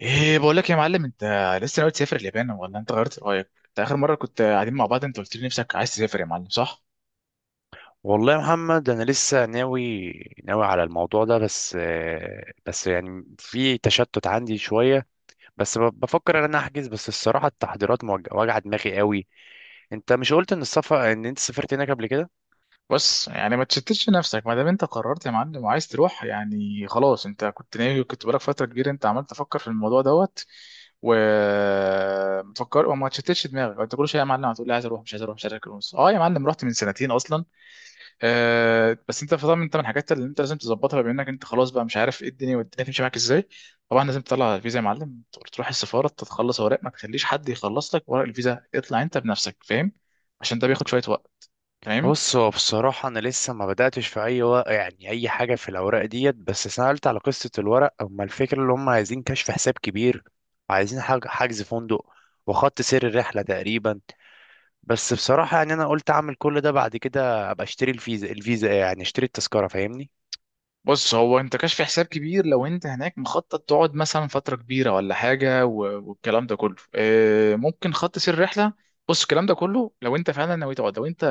ايه بقول لك يا معلم، انت لسه ناوي تسافر اليابان ولا انت غيرت رايك؟ انت اخر مره كنت قاعدين مع بعض، انت قلت لي نفسك عايز تسافر يا معلم صح؟ والله يا محمد انا لسه ناوي على الموضوع ده، بس بس في تشتت عندي شويه. بس بفكر ان انا احجز، بس الصراحه التحضيرات واجعه دماغي قوي. انت مش قلت ان السفر ان انت سافرت هناك قبل كده؟ بص يعني ما تشتتش نفسك ما دام انت قررت يا معلم وعايز تروح، يعني خلاص انت كنت ناوي، كنت بقالك فتره كبيره انت عمال تفكر في الموضوع دوت ومتفكر، وما تشتتش دماغك. انت كل شويه يا معلم هتقول لي عايز اروح مش عايز اروح مش عايز اروح. اه يا معلم، رحت من سنتين اصلا. بس انت طبعا، انت من الحاجات اللي انت لازم تظبطها بما انك انت خلاص بقى مش عارف ايه الدنيا والدنيا تمشي معاك ازاي. طبعا لازم تطلع الفيزا يا معلم، تروح السفاره تتخلص اوراق، ما تخليش حد يخلص لك ورق الفيزا، اطلع انت بنفسك فاهم؟ عشان ده بياخد شويه وقت. تمام. بص، هو بصراحه انا لسه ما بداتش في اي و... يعني اي حاجه في الاوراق ديت، بس سالت على قصه الورق. اما الفكره اللي هم عايزين كشف حساب كبير، عايزين حجز فندق وخط سير الرحله تقريبا. بس بصراحة أنا قلت أعمل كل ده، بعد كده أبقى أشتري الفيزا، الفيزا إيه يعني، أشتري التذكرة، فاهمني؟ بص هو انت كشف حساب كبير، لو انت هناك مخطط تقعد مثلا فتره كبيره ولا حاجه، والكلام ده كله ممكن خط سير رحله. بص الكلام ده كله لو انت فعلا ناوي تقعد، لو انت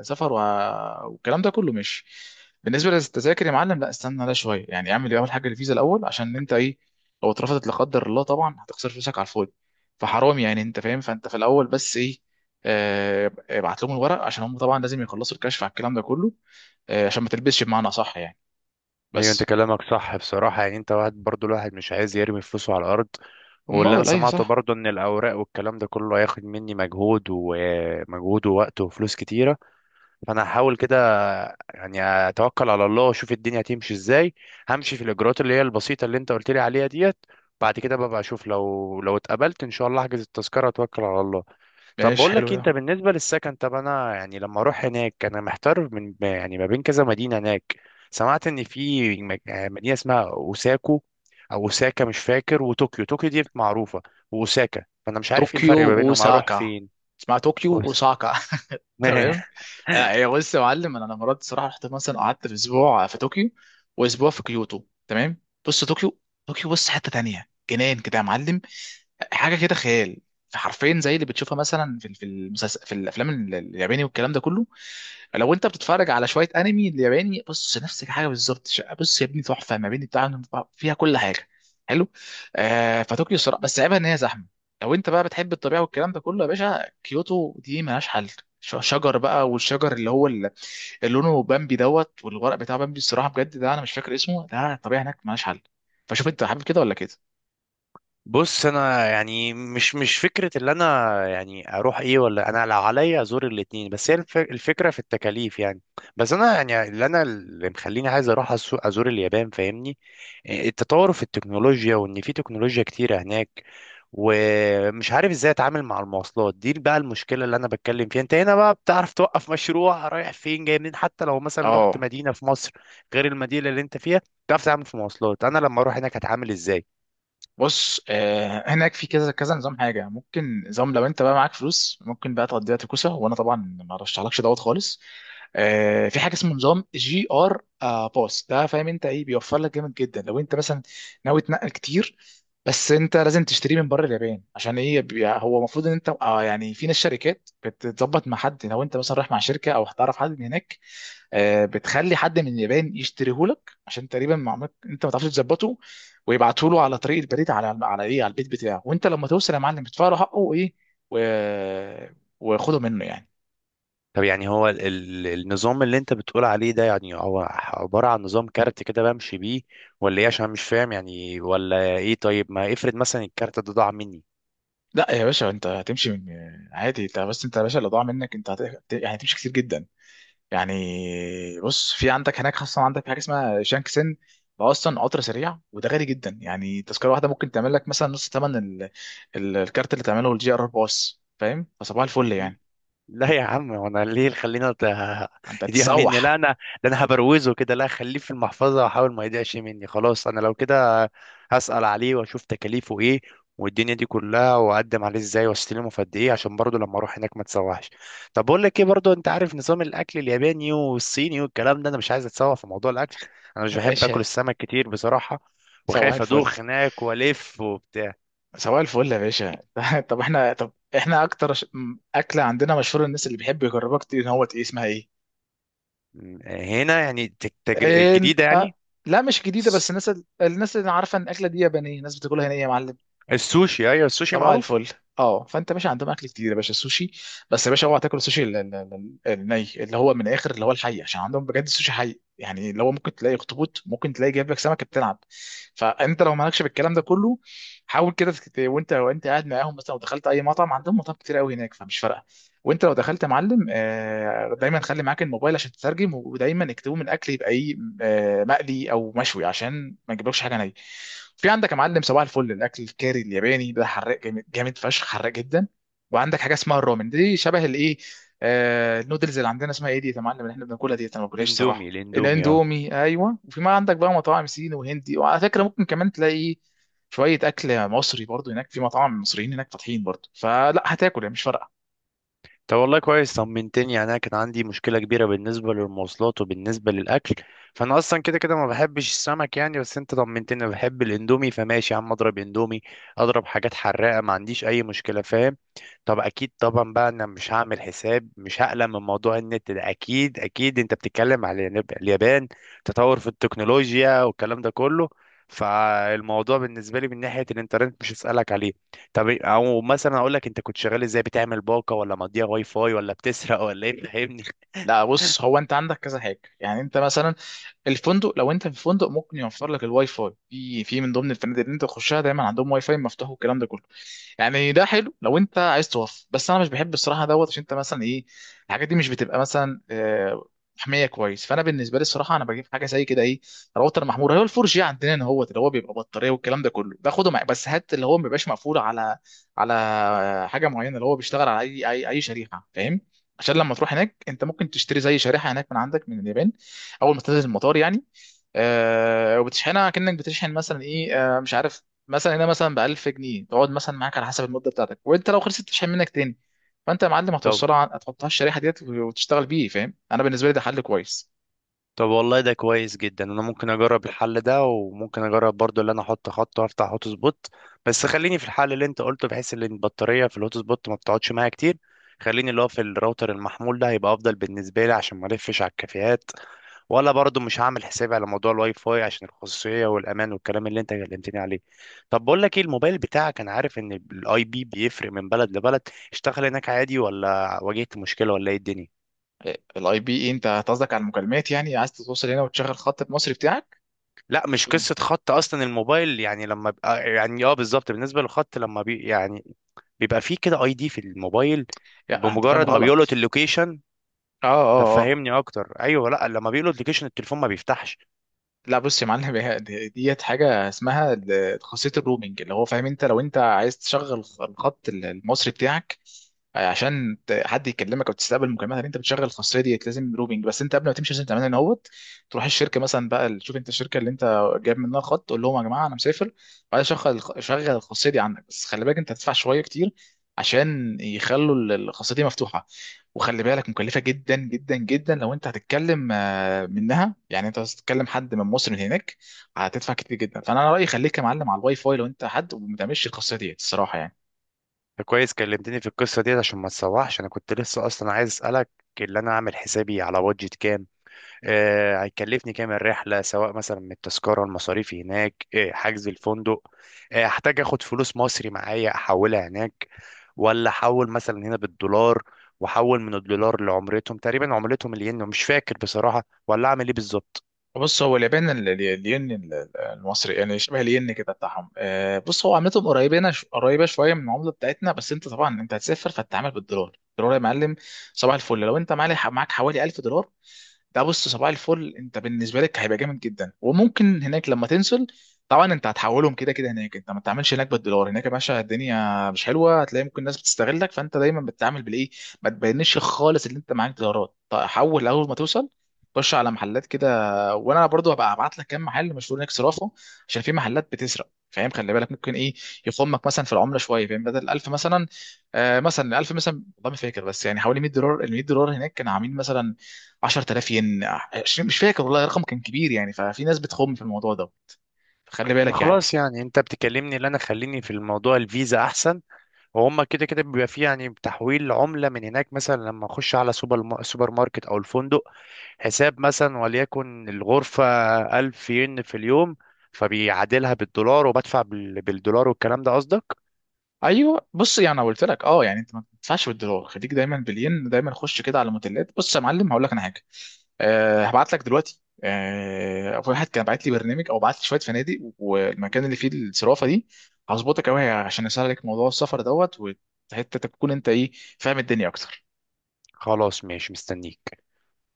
سفر والكلام ده كله مش. بالنسبه للتذاكر يا معلم، لا استنى، لا شويه، يعني اعمل اول حاجه الفيزا الاول عشان انت ايه؟ لو اترفضت لا قدر الله، طبعا هتخسر فلوسك على الفاضي، فحرام يعني، انت فاهم؟ فانت في الاول بس ايه؟ اه، ابعت لهم الورق عشان هم طبعا لازم يخلصوا الكشف على الكلام ده كله. عشان ما تلبسش، بمعنى صح يعني. أيوة، أنت بس. كلامك صح بصراحة، يعني أنت واحد برضو، الواحد مش عايز يرمي فلوسه على الأرض. واللي أنا امال ايوه سمعته صح. برضو إن الأوراق والكلام ده كله هياخد مني مجهود ومجهود ووقت وفلوس كتيرة. فأنا هحاول كده، يعني، أتوكل على الله وأشوف الدنيا هتمشي إزاي. همشي في الإجراءات اللي هي البسيطة اللي أنت قلت لي عليها ديت، بعد كده ببقى أشوف، لو اتقبلت إن شاء الله أحجز التذكرة وأتوكل على الله. طب ماشي بقول حلو لك إيه، انت ده. بالنسبه للسكن، طب انا لما اروح هناك انا محتار، من يعني ما بين كذا مدينه هناك. سمعت ان في مدينه اسمها اوساكو او اوساكا مش فاكر، وطوكيو، طوكيو دي معروفه، واوساكا، فانا مش عارف ايه الفرق طوكيو ما بينهم، اروح اوساكا، فين؟ اسمها طوكيو بص. اوساكا تمام. هي بص يا معلم، انا مرات الصراحه رحت مثلا قعدت في اسبوع في طوكيو، واسبوع في كيوتو تمام. بص طوكيو، طوكيو بص حته تانية جنان كده يا معلم، حاجه كده خيال. حرفين زي اللي بتشوفها مثلا في المسلسل، في الافلام الياباني والكلام ده كله. لو انت بتتفرج على شويه انمي الياباني، بص نفس الحاجه بالظبط. بص يا ابني تحفه، ما بين بتاع، فيها كل حاجه. حلو. آه فطوكيو صراحه، بس عيبها ان هي زحمه. لو انت بقى بتحب الطبيعه والكلام ده كله يا باشا، كيوتو دي ملهاش حل. شجر بقى، والشجر اللي هو اللي لونه بامبي دوت، والورق بتاع بامبي، الصراحه بجد ده انا مش فاكر اسمه، ده الطبيعه هناك ملهاش حل. فشوف انت حابب كده ولا كده. بص انا يعني مش مش فكره اللي انا اروح ايه ولا انا، لو عليا ازور الاتنين، بس هي الفكره في التكاليف يعني. بس انا اللي مخليني عايز ازور اليابان، فاهمني؟ التطور في التكنولوجيا، وان في تكنولوجيا كتيره هناك. ومش عارف ازاي اتعامل مع المواصلات دي بقى، المشكله اللي انا بتكلم فيها، انت هنا بقى بتعرف توقف مشروع، رايح فين جاي منين، حتى لو مثلا رحت اه مدينه في مصر غير المدينه اللي انت فيها، بتعرف تتعامل في مواصلات. انا لما اروح هناك هتعامل ازاي؟ بص هناك في كذا كذا نظام حاجه، ممكن نظام لو انت بقى معاك فلوس ممكن بقى تقضيها تكوسه، وانا طبعا ما رشحلكش دوت خالص. آه في حاجه اسمه نظام جي ار باس ده، فاهم انت ايه بيوفر لك؟ جامد جدا لو انت مثلا ناوي تنقل كتير. بس انت لازم تشتريه من بره اليابان عشان ايه؟ هو المفروض ان انت يعني في ناس شركات بتظبط مع حد، لو انت مثلا رايح مع شركه او هتعرف حد من هناك، بتخلي حد من اليابان يشتريهولك عشان تقريبا معلومات انت ما تعرفش تظبطه. ويبعته له على طريق البريد، على ايه، على البيت بتاعه. وانت لما توصل يا معلم تدفع له حقه وايه و... وخده منه يعني. طب يعني هو النظام اللي انت بتقول عليه ده، يعني هو عبارة عن نظام كارت كده بمشي بيه ولا ايه؟ عشان مش فاهم يعني ولا ايه. طيب ما افرض مثلا الكارت ده ضاع مني. لا يا باشا، انت هتمشي من عادي. انت بس انت يا باشا، اللي ضاع منك انت يعني هتمشي كتير جدا يعني. بص في عندك هناك خاصة، عندك حاجة اسمها شانكسن، ده اصلا قطر سريع وده غالي جدا، يعني تذكرة واحدة ممكن تعمل لك مثلا نص ثمن الكارت اللي تعمله الجي ار باص، فاهم؟ فصباح الفل يعني. لا يا عم، وانا ليه انت يضيع مني؟ لا تسوح انا، ده انا هبروزه كده، لا، خليه في المحفظه واحاول ما يضيعش مني. خلاص انا لو كده هسأل عليه واشوف تكاليفه ايه والدنيا دي كلها، واقدم عليه ازاي واستلمه في قد ايه، عشان برضه لما اروح هناك ما تسوحش. طب بقول لك ايه برضه، انت عارف نظام الاكل الياباني والصيني والكلام ده، انا مش عايز اتسوح في موضوع الاكل. انا مش يا بحب باشا، اكل السمك كتير بصراحه، سواح وخايف الفل. ادوخ هناك والف وبتاع. سواح الفل يا باشا طب احنا اكتر اكله عندنا مشهوره الناس اللي بيحب يجربها كتير، ان هو ايه اسمها ايه؟ هنا يعني إن... جديده أه... يعني؟ لا مش جديده، بس الناس الناس اللي عارفه ان الاكله دي يابانيه، الناس بتاكلها هنا إيه يا معلم؟ السوشي، ايوه السوشي صباح معروف. الفل. اه فانت ماشي عندهم اكل كتير يا باشا السوشي. بس يا باشا اوعى تاكل السوشي الني، اللي هو من الاخر اللي هو الحي، عشان عندهم بجد السوشي حي، يعني اللي هو ممكن تلاقي اخطبوط، ممكن تلاقي جايب لك سمكه بتلعب. فانت لو مالكش بالكلام ده كله، حاول كده وانت قاعد معاهم مثلا. لو دخلت اي مطعم، عندهم مطاعم كتير قوي هناك فمش فارقه. وانت لو دخلت يا معلم دايما خلي معاك الموبايل عشان تترجم، ودايما اكتبوا من الاكل يبقى ايه، مقلي او مشوي عشان ما نجيبلكش حاجه نيه. في عندك يا معلم صباح الفل الاكل الكاري الياباني ده حراق جامد جامد فشخ، حراق جدا. وعندك حاجه اسمها الرامن، دي شبه الايه، آه النودلز. اللي عندنا اسمها ايه دي يا معلم اللي احنا بناكلها دي، انا ما باكلهاش اندومي، صراحه؟ الاندومي اه. الاندومي ايوه. وفي ما عندك بقى مطاعم صيني وهندي، وعلى فكره ممكن كمان تلاقي شويه اكل مصري برضو هناك، في مطاعم مصريين هناك فاتحين برضو، فلا هتاكل يعني مش فارقه. طب والله كويس، طمنتني يعني. انا كان عندي مشكله كبيره بالنسبه للمواصلات وبالنسبه للاكل. فانا اصلا كده كده ما بحبش السمك يعني، بس انت طمنتني، انا بحب الاندومي، فماشي يا عم اضرب اندومي، اضرب حاجات حراقه، ما عنديش اي مشكله، فاهم؟ طب اكيد طبعا بقى انا مش هعمل حساب، مش هقلق من موضوع النت ده. اكيد اكيد انت بتتكلم على اليابان، تطور في التكنولوجيا والكلام ده كله، فالموضوع بالنسبه لي من ناحيه الانترنت مش هسالك عليه. طب او مثلا اقول لك، انت كنت شغال ازاي، بتعمل باقه، ولا مضيع واي فاي، ولا بتسرق، ولا ايه؟ فهمني. لا بص هو انت عندك كذا حاجه، يعني انت مثلا الفندق، لو انت في فندق ممكن يوفر لك الواي فاي، في من ضمن الفنادق اللي انت تخشها دايما عندهم واي فاي مفتوح والكلام ده كله. يعني ده حلو لو انت عايز توفر، بس انا مش بحب الصراحه دوت، عشان انت مثلا ايه، الحاجات دي مش بتبقى مثلا محميه كويس. فانا بالنسبه لي الصراحه انا بجيب حاجه زي كده ايه، راوتر محمول. هو الفور جي عندنا هنا، هو اللي هو بيبقى بطاريه والكلام ده كله، باخده معايا. بس هات اللي هو ما بيبقاش مقفول على على حاجه معينه، اللي هو بيشتغل على اي شريحه، فاهم؟ عشان لما تروح هناك انت ممكن تشتري زي شريحه هناك من عندك من اليابان اول ما تنزل المطار يعني. آه وبتشحنها كأنك بتشحن مثلا ايه، آه مش عارف، مثلا هنا مثلا ب 1000 جنيه تقعد مثلا معاك على حسب المده بتاعتك، وانت لو خلصت تشحن منك تاني. فانت يا معلم طب هتوصلها هتحطها الشريحه ديت وتشتغل بيه، فاهم؟ انا بالنسبه لي ده حل كويس. طب والله ده كويس جدا، انا ممكن اجرب الحل ده، وممكن اجرب برضو اللي انا احط خط وافتح هوت سبوت، بس خليني في الحل اللي انت قلته، بحيث ان البطاريه في الهوت سبوت ما بتقعدش معايا كتير. خليني اللي هو في الراوتر المحمول ده، هيبقى افضل بالنسبه لي عشان ما الفش على الكافيهات. ولا برضه مش هعمل حسابي على موضوع الواي فاي عشان الخصوصيه والامان والكلام اللي انت كلمتني عليه. طب بقول لك ايه، الموبايل بتاعك، انا عارف ان الاي بي بيفرق من بلد لبلد، اشتغل هناك عادي ولا واجهت مشكله ولا ايه الدنيا؟ الاي بي ايه؟ انت قصدك على المكالمات؟ يعني عايز توصل هنا وتشغل خط المصري بتاعك؟ لا مش مش فاهم. قصه خط، اصلا الموبايل يعني لما بقى يعني اه بالظبط، بالنسبه للخط لما بي يعني، بيبقى فيه كده اي دي في الموبايل لا انت فاهم بمجرد ما بيلقط غلط. اللوكيشن. اه طب اه آه. فهمني اكتر. ايوه، لا لما بيلقط اللوكيشن التليفون ما بيفتحش. لا بص يا معلم، ديت حاجه اسمها خاصيه الرومنج، اللي هو فاهم، انت لو انت عايز تشغل الخط المصري بتاعك عشان حد يكلمك او تستقبل مكالمات، انت بتشغل الخاصيه ديت، لازم روبينج. بس انت قبل ما تمشي لازم تعملها ان هوت، تروح الشركه مثلا بقى، تشوف انت الشركه اللي انت جايب منها خط، تقول لهم يا جماعه انا مسافر وعايز شغل الخاصيه دي عندك. بس خلي بالك انت هتدفع شويه كتير عشان يخلوا الخاصيه دي مفتوحه. وخلي بالك مكلفه جدا جدا جدا، لو انت هتتكلم منها يعني، انت هتتكلم حد من مصر من هناك هتدفع كتير جدا. فانا رايي خليك يا معلم على الواي فاي لو انت حد، وما تعملش القصه ديت الصراحه يعني. ده كويس كلمتني في القصه ديت عشان ما تسوحش، انا كنت لسه اصلا عايز اسالك اللي انا اعمل حسابي على بادجت كام. هيكلفني كام الرحله، سواء مثلا من التذكره، المصاريف هناك، حجز الفندق. احتاج اخد فلوس مصري معايا احولها هناك، ولا احول مثلا هنا بالدولار واحول من الدولار لعملتهم؟ تقريبا عملتهم الين مش فاكر بصراحه، ولا اعمل ايه بالظبط؟ بص هو اليابان الين المصري، يعني شبه الين كده بتاعهم. بص هو عملتهم قريبين، قريبه شويه من العمله بتاعتنا. بس انت طبعا انت هتسافر فتتعامل بالدولار، الدولار يا معلم صباح الفل. لو انت معاك حوالي 1000 دولار، ده بص صباح الفل انت بالنسبه لك هيبقى جامد جدا. وممكن هناك لما تنزل، طبعا انت هتحولهم كده كده هناك. انت ما تعملش هناك بالدولار، هناك يا باشا الدنيا مش حلوه، هتلاقي ممكن الناس بتستغلك. فانت دايما بتتعامل بالايه، ما تبينش خالص ان انت معاك دولارات. طيب حول اول ما توصل، خش على محلات كده، وانا برضو هبقى ابعت لك كام محل مشهور هناك صرافه، عشان في محلات بتسرق فاهم؟ خلي بالك ممكن ايه، يخمك مثلا في العمله شويه فاهم، بدل 1000 مثلا، آه مثلا 1000 مثلا، والله ما فاكر، بس يعني حوالي 100 دولار، ال 100 دولار هناك كانوا عاملين مثلا 10000 ين 20، مش فاكر والله، رقم كان كبير يعني. ففي ناس بتخم في الموضوع ده، فخلي انا بالك يعني. خلاص يعني، انت بتكلمني اللي انا، خليني في الموضوع الفيزا احسن. وهم كده كده بيبقى فيه يعني تحويل عملة من هناك، مثلا لما اخش على سوبر ما- سوبر ماركت او الفندق، حساب مثلا وليكن الغرفة 1000 ين في اليوم، فبيعادلها بالدولار، وبدفع بالدولار والكلام ده قصدك؟ ايوه بص، يعني انا قلت لك اه يعني انت ما تدفعش بالدولار، خليك دايما بالين، دايما خش كده على الموديلات. بص يا معلم هقول لك انا حاجه. أه هبعت لك دلوقتي، أه واحد كان بعت لي برنامج او بعت لي شويه فنادق والمكان اللي فيه الصرافه دي، هظبطك قوي عشان اسهل لك موضوع السفر دوت، وحتى تكون انت ايه، فاهم الدنيا اكتر. خلاص ماشي، مستنيك.